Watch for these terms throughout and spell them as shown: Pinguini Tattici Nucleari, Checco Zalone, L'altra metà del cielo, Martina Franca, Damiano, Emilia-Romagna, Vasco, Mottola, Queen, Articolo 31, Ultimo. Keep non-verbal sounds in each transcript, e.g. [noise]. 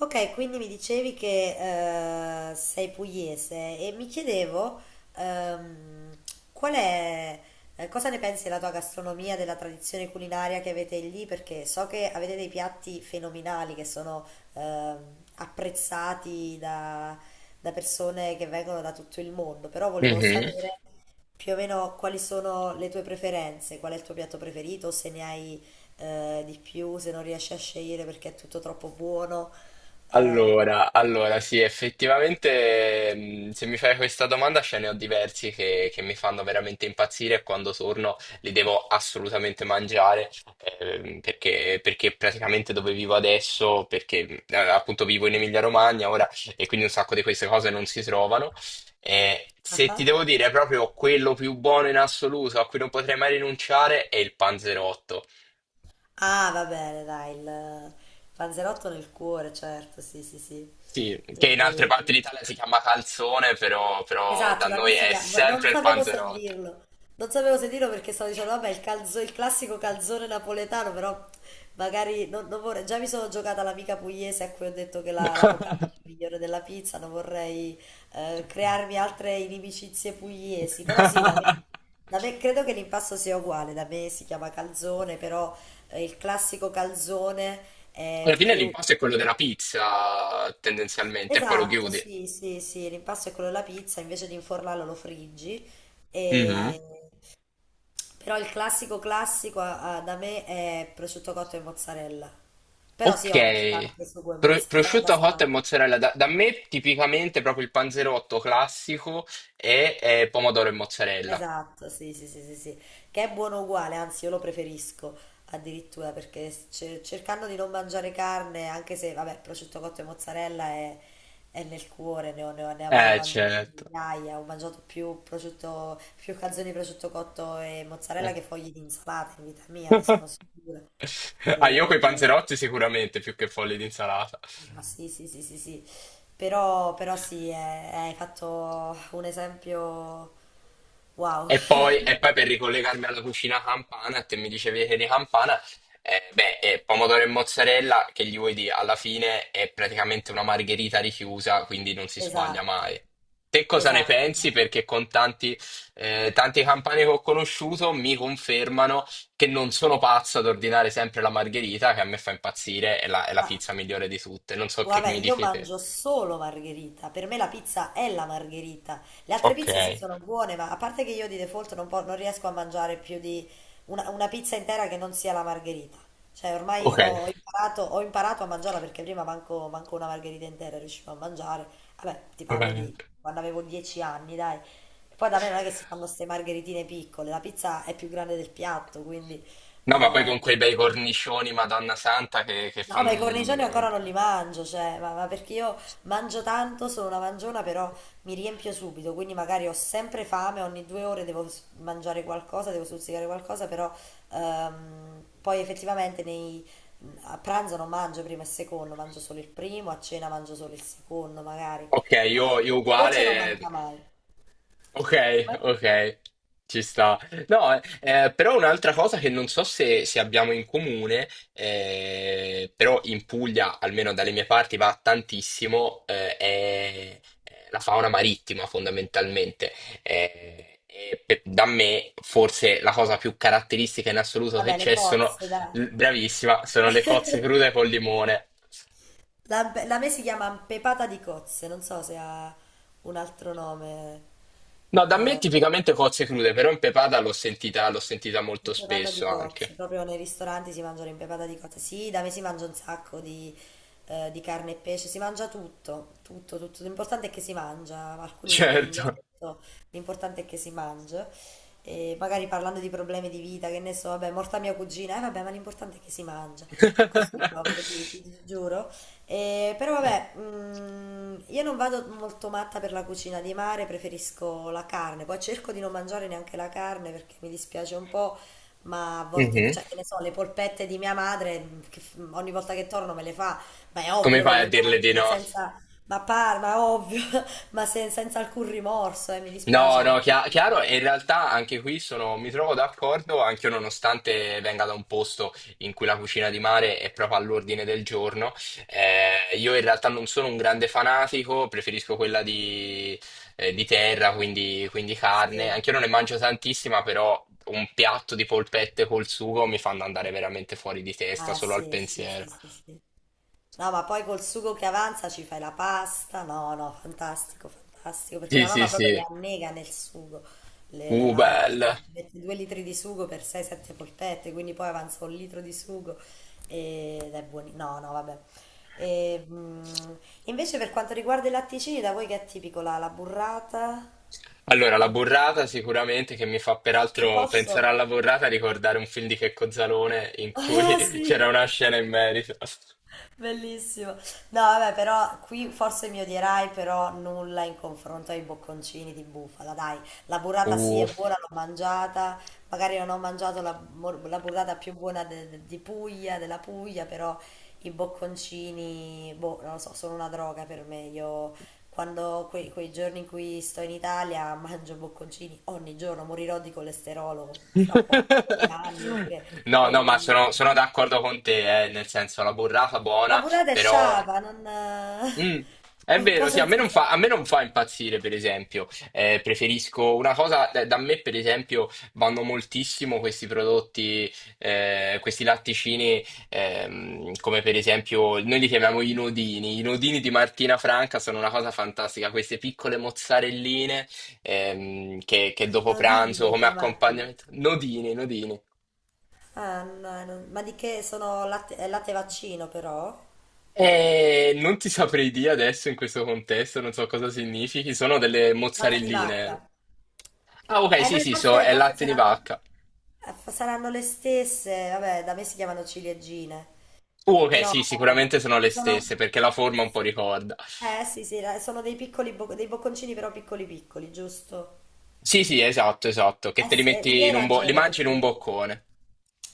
Ok, quindi mi dicevi che sei pugliese e mi chiedevo ehm, qual è, cosa ne pensi della tua gastronomia, della tradizione culinaria che avete lì, perché so che avete dei piatti fenomenali che sono ehm, apprezzati da, da persone che vengono da tutto il mondo, però volevo Mhm. sapere più o meno quali sono le tue preferenze, qual è il tuo piatto preferito, se ne hai di più, se non riesci a scegliere perché è tutto troppo buono. Eh, Allora, sì, effettivamente, se mi fai questa domanda, ce ne ho diversi che mi fanno veramente impazzire e quando torno li devo assolutamente mangiare, perché praticamente dove vivo adesso, perché appunto vivo in Emilia-Romagna ora e quindi un sacco di queste cose non si trovano. Se ti ah, devo dire proprio quello più buono in assoluto a cui non potrei mai rinunciare è il panzerotto. ah, va bene, dai, il panzerotto nel cuore, certo, sì, sì, sì. Sì, che in altre E- parti d'Italia si chiama calzone, però da Esatto, da noi me si è chiama, non sempre il sapevo se panzerotto. dirlo, non sapevo se dirlo perché stavo dicendo, vabbè, il, il classico calzone napoletano, però magari non vorrei, già mi sono giocata l'amica pugliese a cui ho detto che la, la focaccia è migliore della pizza, non vorrei crearmi altre inimicizie pugliesi, però sì, [laughs] da me credo che l'impasto sia uguale, da me si chiama calzone, però il classico calzone Alla è fine più... l'impasto è quello della pizza, tendenzialmente, e poi lo Esatto, chiudi. sì, sì, sì, l'impasto è quello della pizza, invece di infornarlo lo friggi. Mhm. E... Però il classico classico da me è prosciutto cotto e mozzarella. Però sì, ovvio, si Ok. parte su due mozzarella, Prosciutto cotto e sarà mozzarella. Da me tipicamente proprio il panzerotto classico è pomodoro e mozzarella. esatto, sì, sì, sì, sì, sì, che è buono uguale, anzi io lo preferisco addirittura perché cercando di non mangiare carne, anche se vabbè, prosciutto cotto e mozzarella è nel cuore, ne avrò mangiato Certo. migliaia, ho mangiato più prosciutto, più calzoni di prosciutto cotto e mozzarella che fogli di insalata in vita mia, ne sono [laughs] sicura. Ah, io coi E... panzerotti sicuramente più che fogli di insalata. Ma sì, sì, sì, sì, sì. Però sì, hai fatto un esempio wow. E poi per ricollegarmi alla cucina campana, te mi dicevi che di campana, pomodoro e mozzarella, che gli vuoi dire, alla fine è praticamente una margherita richiusa, quindi non [laughs] si sbaglia Esatto, mai. Te cosa ne esatto, pensi? esatto. Tanti campani che ho conosciuto mi confermano che non sono pazzo ad ordinare sempre la margherita, che a me fa impazzire, è è la Ma pizza migliore di tutte. Non so che guarda, mi io dici te. mangio solo margherita. Per me la pizza è la margherita. Le altre Ok, pizze sì sono buone, ma a parte che io di default non riesco a mangiare più di una pizza intera che non sia la margherita. Cioè, ormai ok, ho imparato, ho imparato a mangiarla perché prima manco una margherita intera riuscivo a mangiare. Vabbè, ti va parlo bene. di quando avevo 10 anni, dai. Poi da me non è che si fanno queste margheritine piccole, la pizza è più grande del piatto, quindi... No, ma poi eh, con quei bei cornicioni, Madonna Santa, che No, ma i cornicioni fanno... ancora non li mangio, cioè, ma perché io mangio tanto, sono una mangiona, però mi riempio subito, quindi magari ho sempre fame, ogni due ore mangiare qualcosa, devo stuzzicare qualcosa, però poi effettivamente a pranzo non mangio primo e secondo, mangio solo il primo, a cena mangio solo il secondo magari. Ok, Poi io il dolce non uguale. manca mai. Ok, Come? ok, ci sta. No, però un'altra cosa che non so se abbiamo in comune, però in Puglia, almeno dalle mie parti, va tantissimo, è la fauna marittima fondamentalmente. Da me, forse la cosa più caratteristica in assoluto che Vabbè, le c'è sono, cozze, dai. bravissima, sono le cozze [laughs] crude col limone. La, la me si chiama pepata di cozze, non so se ha un altro nome. No, da me eh. tipicamente cozze crude, però in pepata l'ho sentita molto Impepata di spesso anche. cozze, proprio nei ristoranti si mangia l'impepata di cozze. Sì, da me si mangia un sacco di carne e pesce, si mangia tutto, tutto, tutto. L'importante è che si mangia, alcuni dicono in Certo. dialetto, l'importante è che si mangi. E magari parlando di problemi di vita, che ne so, vabbè, morta mia cugina, eh vabbè, ma l'importante è che si mangia. Così proprio, ti [laughs] giuro. E, però vabbè, io non vado molto matta per la cucina di mare, preferisco la carne, poi cerco di non mangiare neanche la carne perché mi dispiace un po'. Ma a volte, no. Mhm. Cioè, che ne so, le polpette di mia madre, ogni volta che torno me le fa, ma è Come ovvio che fai a le dirle di mangio, ma no? senza, ma ovvio, [laughs] ma senza alcun rimorso, mi dispiace, No, no, animaletti. Chiaro, e in realtà anche qui sono, mi trovo d'accordo, anche io nonostante venga da un posto in cui la cucina di mare è proprio all'ordine del giorno, io in realtà non sono un grande fanatico, preferisco quella di terra, quindi carne, Sì, anche io non ne mangio tantissima, però un piatto di polpette col sugo mi fanno andare veramente fuori di testa ah solo al sì, sì, pensiero. sì, sì, sì. No, ma poi col sugo che avanza ci fai la pasta. No, no, fantastico, fantastico, perché Sì, mia sì, mamma proprio le sì, annega nel sugo. Ci bello. mette due litri di sugo per 6-7 polpette, quindi poi avanza un litro di sugo ed è buono. No, no, vabbè. E, mm, invece per quanto riguarda i latticini, da voi che è tipico la burrata? Allora, la La burrata? burrata sicuramente che mi fa Che peraltro pensare posso... alla burrata e ricordare un film di Checco Zalone in [laughs] Ah, cui [laughs] c'era sì. una scena in merito. Bellissimo. No, vabbè, però qui forse mi odierai, però nulla in confronto ai bocconcini di bufala, dai. La burrata sì Uh. è buona, l'ho mangiata, magari non ho mangiato la burrata più buona di Puglia, della Puglia, però i bocconcini, boh, non lo so, sono una droga per me. Io quando quei giorni in cui sto in Italia mangio bocconcini ogni giorno, morirò di colesterolo fra pochi [laughs] anni perché No, mi, no, mi- mi- sono d'accordo con te, nel senso la burrata ma buona, pure te però sciava, non... [laughs] Mm, è un po' vero, sì, senza a me sapore. non fa impazzire, per esempio. Preferisco una cosa, da da me, per esempio, vanno moltissimo questi prodotti, questi latticini, come per esempio, noi li chiamiamo i nodini. I nodini di Martina Franca sono una cosa fantastica, queste piccole mozzarelline, che dopo Inodibili pranzo, hai come chiamati. accompagnamento. Nodini, nodini. Ah, no, ma di che sono latte, latte vaccino però? Non ti saprei dire adesso in questo contesto, non so cosa significhi, sono delle Latte di mozzarelline. vacca. Ah, ok, sì, Noi sì, so, forse, è forse latte di saranno, vacca. Saranno le stesse, vabbè, da me si chiamano ciliegine, Ok, però sì, sicuramente sono le sono... stesse perché la forma un po' ricorda. Eh sì, sì, sono dei dei bocconcini però piccoli piccoli, giusto? Sì, sì, esatto, esatto, che Eh te li sì, lì metti hai in un li ragione mangi in un perché... boccone.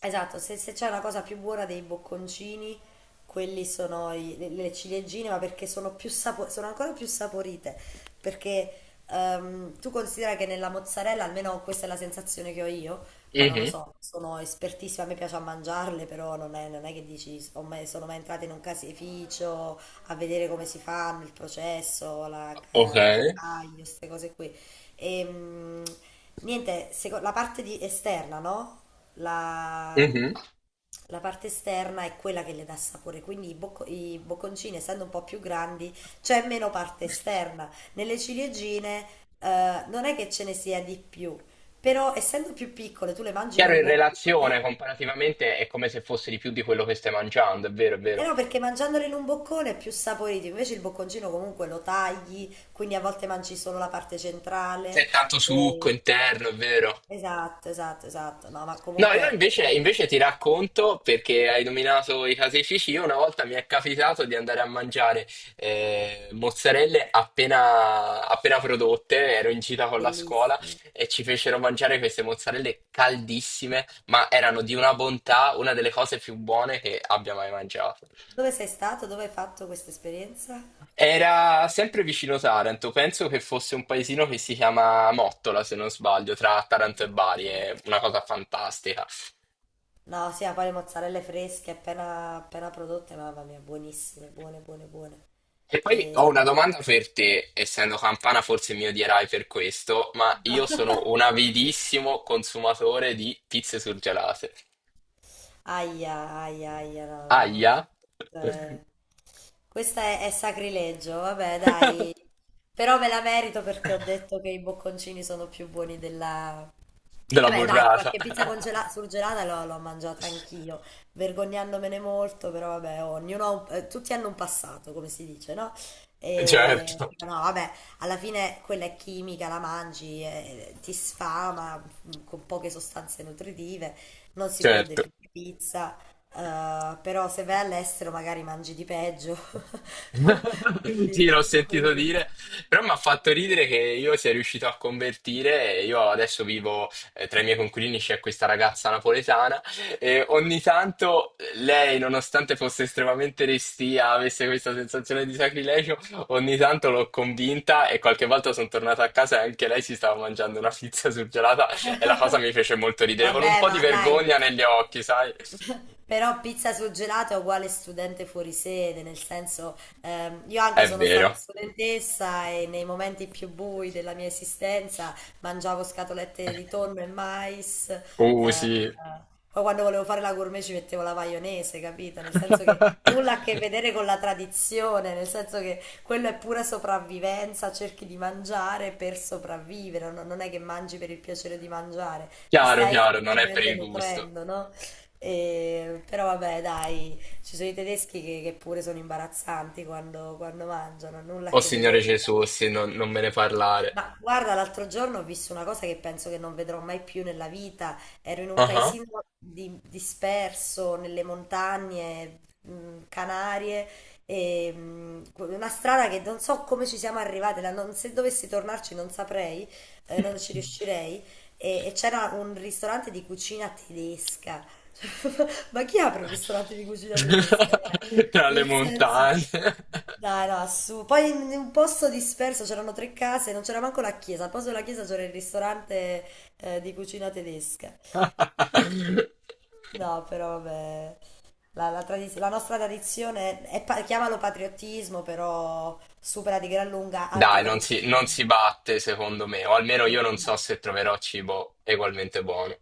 Esatto, se c'è una cosa più buona dei bocconcini, quelli sono le ciliegine, ma perché sono più sono ancora più saporite, perché tu considera che nella mozzarella, almeno questa è la sensazione che ho io, poi non lo Mhm. so, sono espertissima, a me piace a mangiarle, però non è che dici, ho mai- sono mai entrata in un caseificio a vedere come si fanno, il processo, Ok. Il caglio, queste cose qui. E, mm, niente, la parte esterna, no? la, Mhm. la parte esterna è quella che le dà sapore, quindi i bocconcini, essendo un po' più grandi, c'è meno parte esterna. Nelle ciliegine, non è che ce ne sia di più, però essendo più piccole, tu le mangi in Chiaro, un in boccone. relazione, comparativamente, è come se fosse di più di quello che stai mangiando, è vero, è Eh vero. no, perché mangiandole in un boccone è più saporito, invece il bocconcino comunque lo tagli, quindi a volte mangi solo la parte centrale. C'è tanto succo E... interno, è vero. Esatto, esatto, esatto. No, ma No, io comunque per invece, me è invece ti racconto, perché hai nominato i caseifici, io una volta mi è capitato di andare a mangiare mozzarelle appena, appena prodotte, ero in gita con la scuola bellissimo. e ci fecero mangiare queste mozzarelle caldissime, ma erano di una bontà, una delle cose più buone che abbia mai mangiato. Dove sei stato? Dove hai fatto questa esperienza? Era sempre vicino Taranto, penso che fosse un paesino che si chiama Mottola, se non sbaglio, tra Taranto e Bari, è una cosa fantastica. No, sì, a fare mozzarelle fresche appena, appena prodotte, mamma mia, buonissime, buone, buone, buone. E poi E... ho una domanda per te, essendo campana forse mi odierai per questo, ma io sono un [laughs] avidissimo consumatore di pizze surgelate. Aia, aia, aia, no, no, no. Aia? Eh, è sacrilegio, vabbè, dai. [laughs] Però me la merito perché ho detto che i bocconcini sono più buoni della, Della vabbè, dai, burrata. qualche [laughs] surgelata l'ho mangiata anch'io, vergognandomene molto, però vabbè, ognuno ha tutti hanno un passato, come si dice, no? E, Certo, no, vabbè, alla fine quella è chimica, la mangi, ti sfama, con poche sostanze nutritive, non si può certo. definire pizza, però se vai all'estero magari mangi di peggio. [laughs] [laughs] Quindi, Sì, l'ho sentito quindi, dire, però mi ha fatto quindi ridere che io sia riuscito a convertire. E io adesso vivo tra i miei coinquilini, c'è questa ragazza napoletana e ogni tanto lei, nonostante fosse estremamente restia, avesse questa sensazione di sacrilegio, ogni tanto l'ho convinta e qualche volta sono tornata a casa e anche lei si stava mangiando una pizza surgelata e la cosa mi fece molto ridere, con un vabbè, po' di ma dai, vergogna negli occhi, sai? però pizza sul gelato è uguale studente fuori sede, nel senso, io anche È sono stata vero. studentessa e nei momenti più bui della mia esistenza mangiavo scatolette di tonno e mais, Sì. poi quando volevo fare la gourmet ci mettevo la maionese, capito? Nel senso che nulla a che [laughs] vedere con la tradizione, nel senso che quello è pura sopravvivenza, cerchi di mangiare per sopravvivere, non è che mangi per il piacere di mangiare, ti Chiaro, stai chiaro, non è per semplicemente il gusto. nutrendo, no? Però vabbè, dai, ci sono i tedeschi che pure sono imbarazzanti quando mangiano, nulla a Oh che Signore vedere Gesù, sì, non me ne parlare. ma guarda, l'altro giorno ho visto una cosa che penso che non vedrò mai più nella vita. Ero in un Ah ah. paesino disperso nelle montagne Canarie, una strada che non so come ci siamo arrivati, se dovessi tornarci non saprei, non ci riuscirei. E c'era un ristorante di cucina tedesca. [laughs] Ma chi apre un ristorante di cucina tedesca? Dai. [laughs] Tra le Nel senso, montagne. dai, no, su. Poi in un posto disperso c'erano tre case, non c'era manco la chiesa. Al posto della chiesa c'era il ristorante di cucina tedesca. [laughs] No, però vabbè, la nostra tradizione è, chiamalo patriottismo, però supera di gran lunga altre Dai, non si tradizioni. batte secondo me, o almeno io Non- non no. so se troverò cibo ugualmente buono.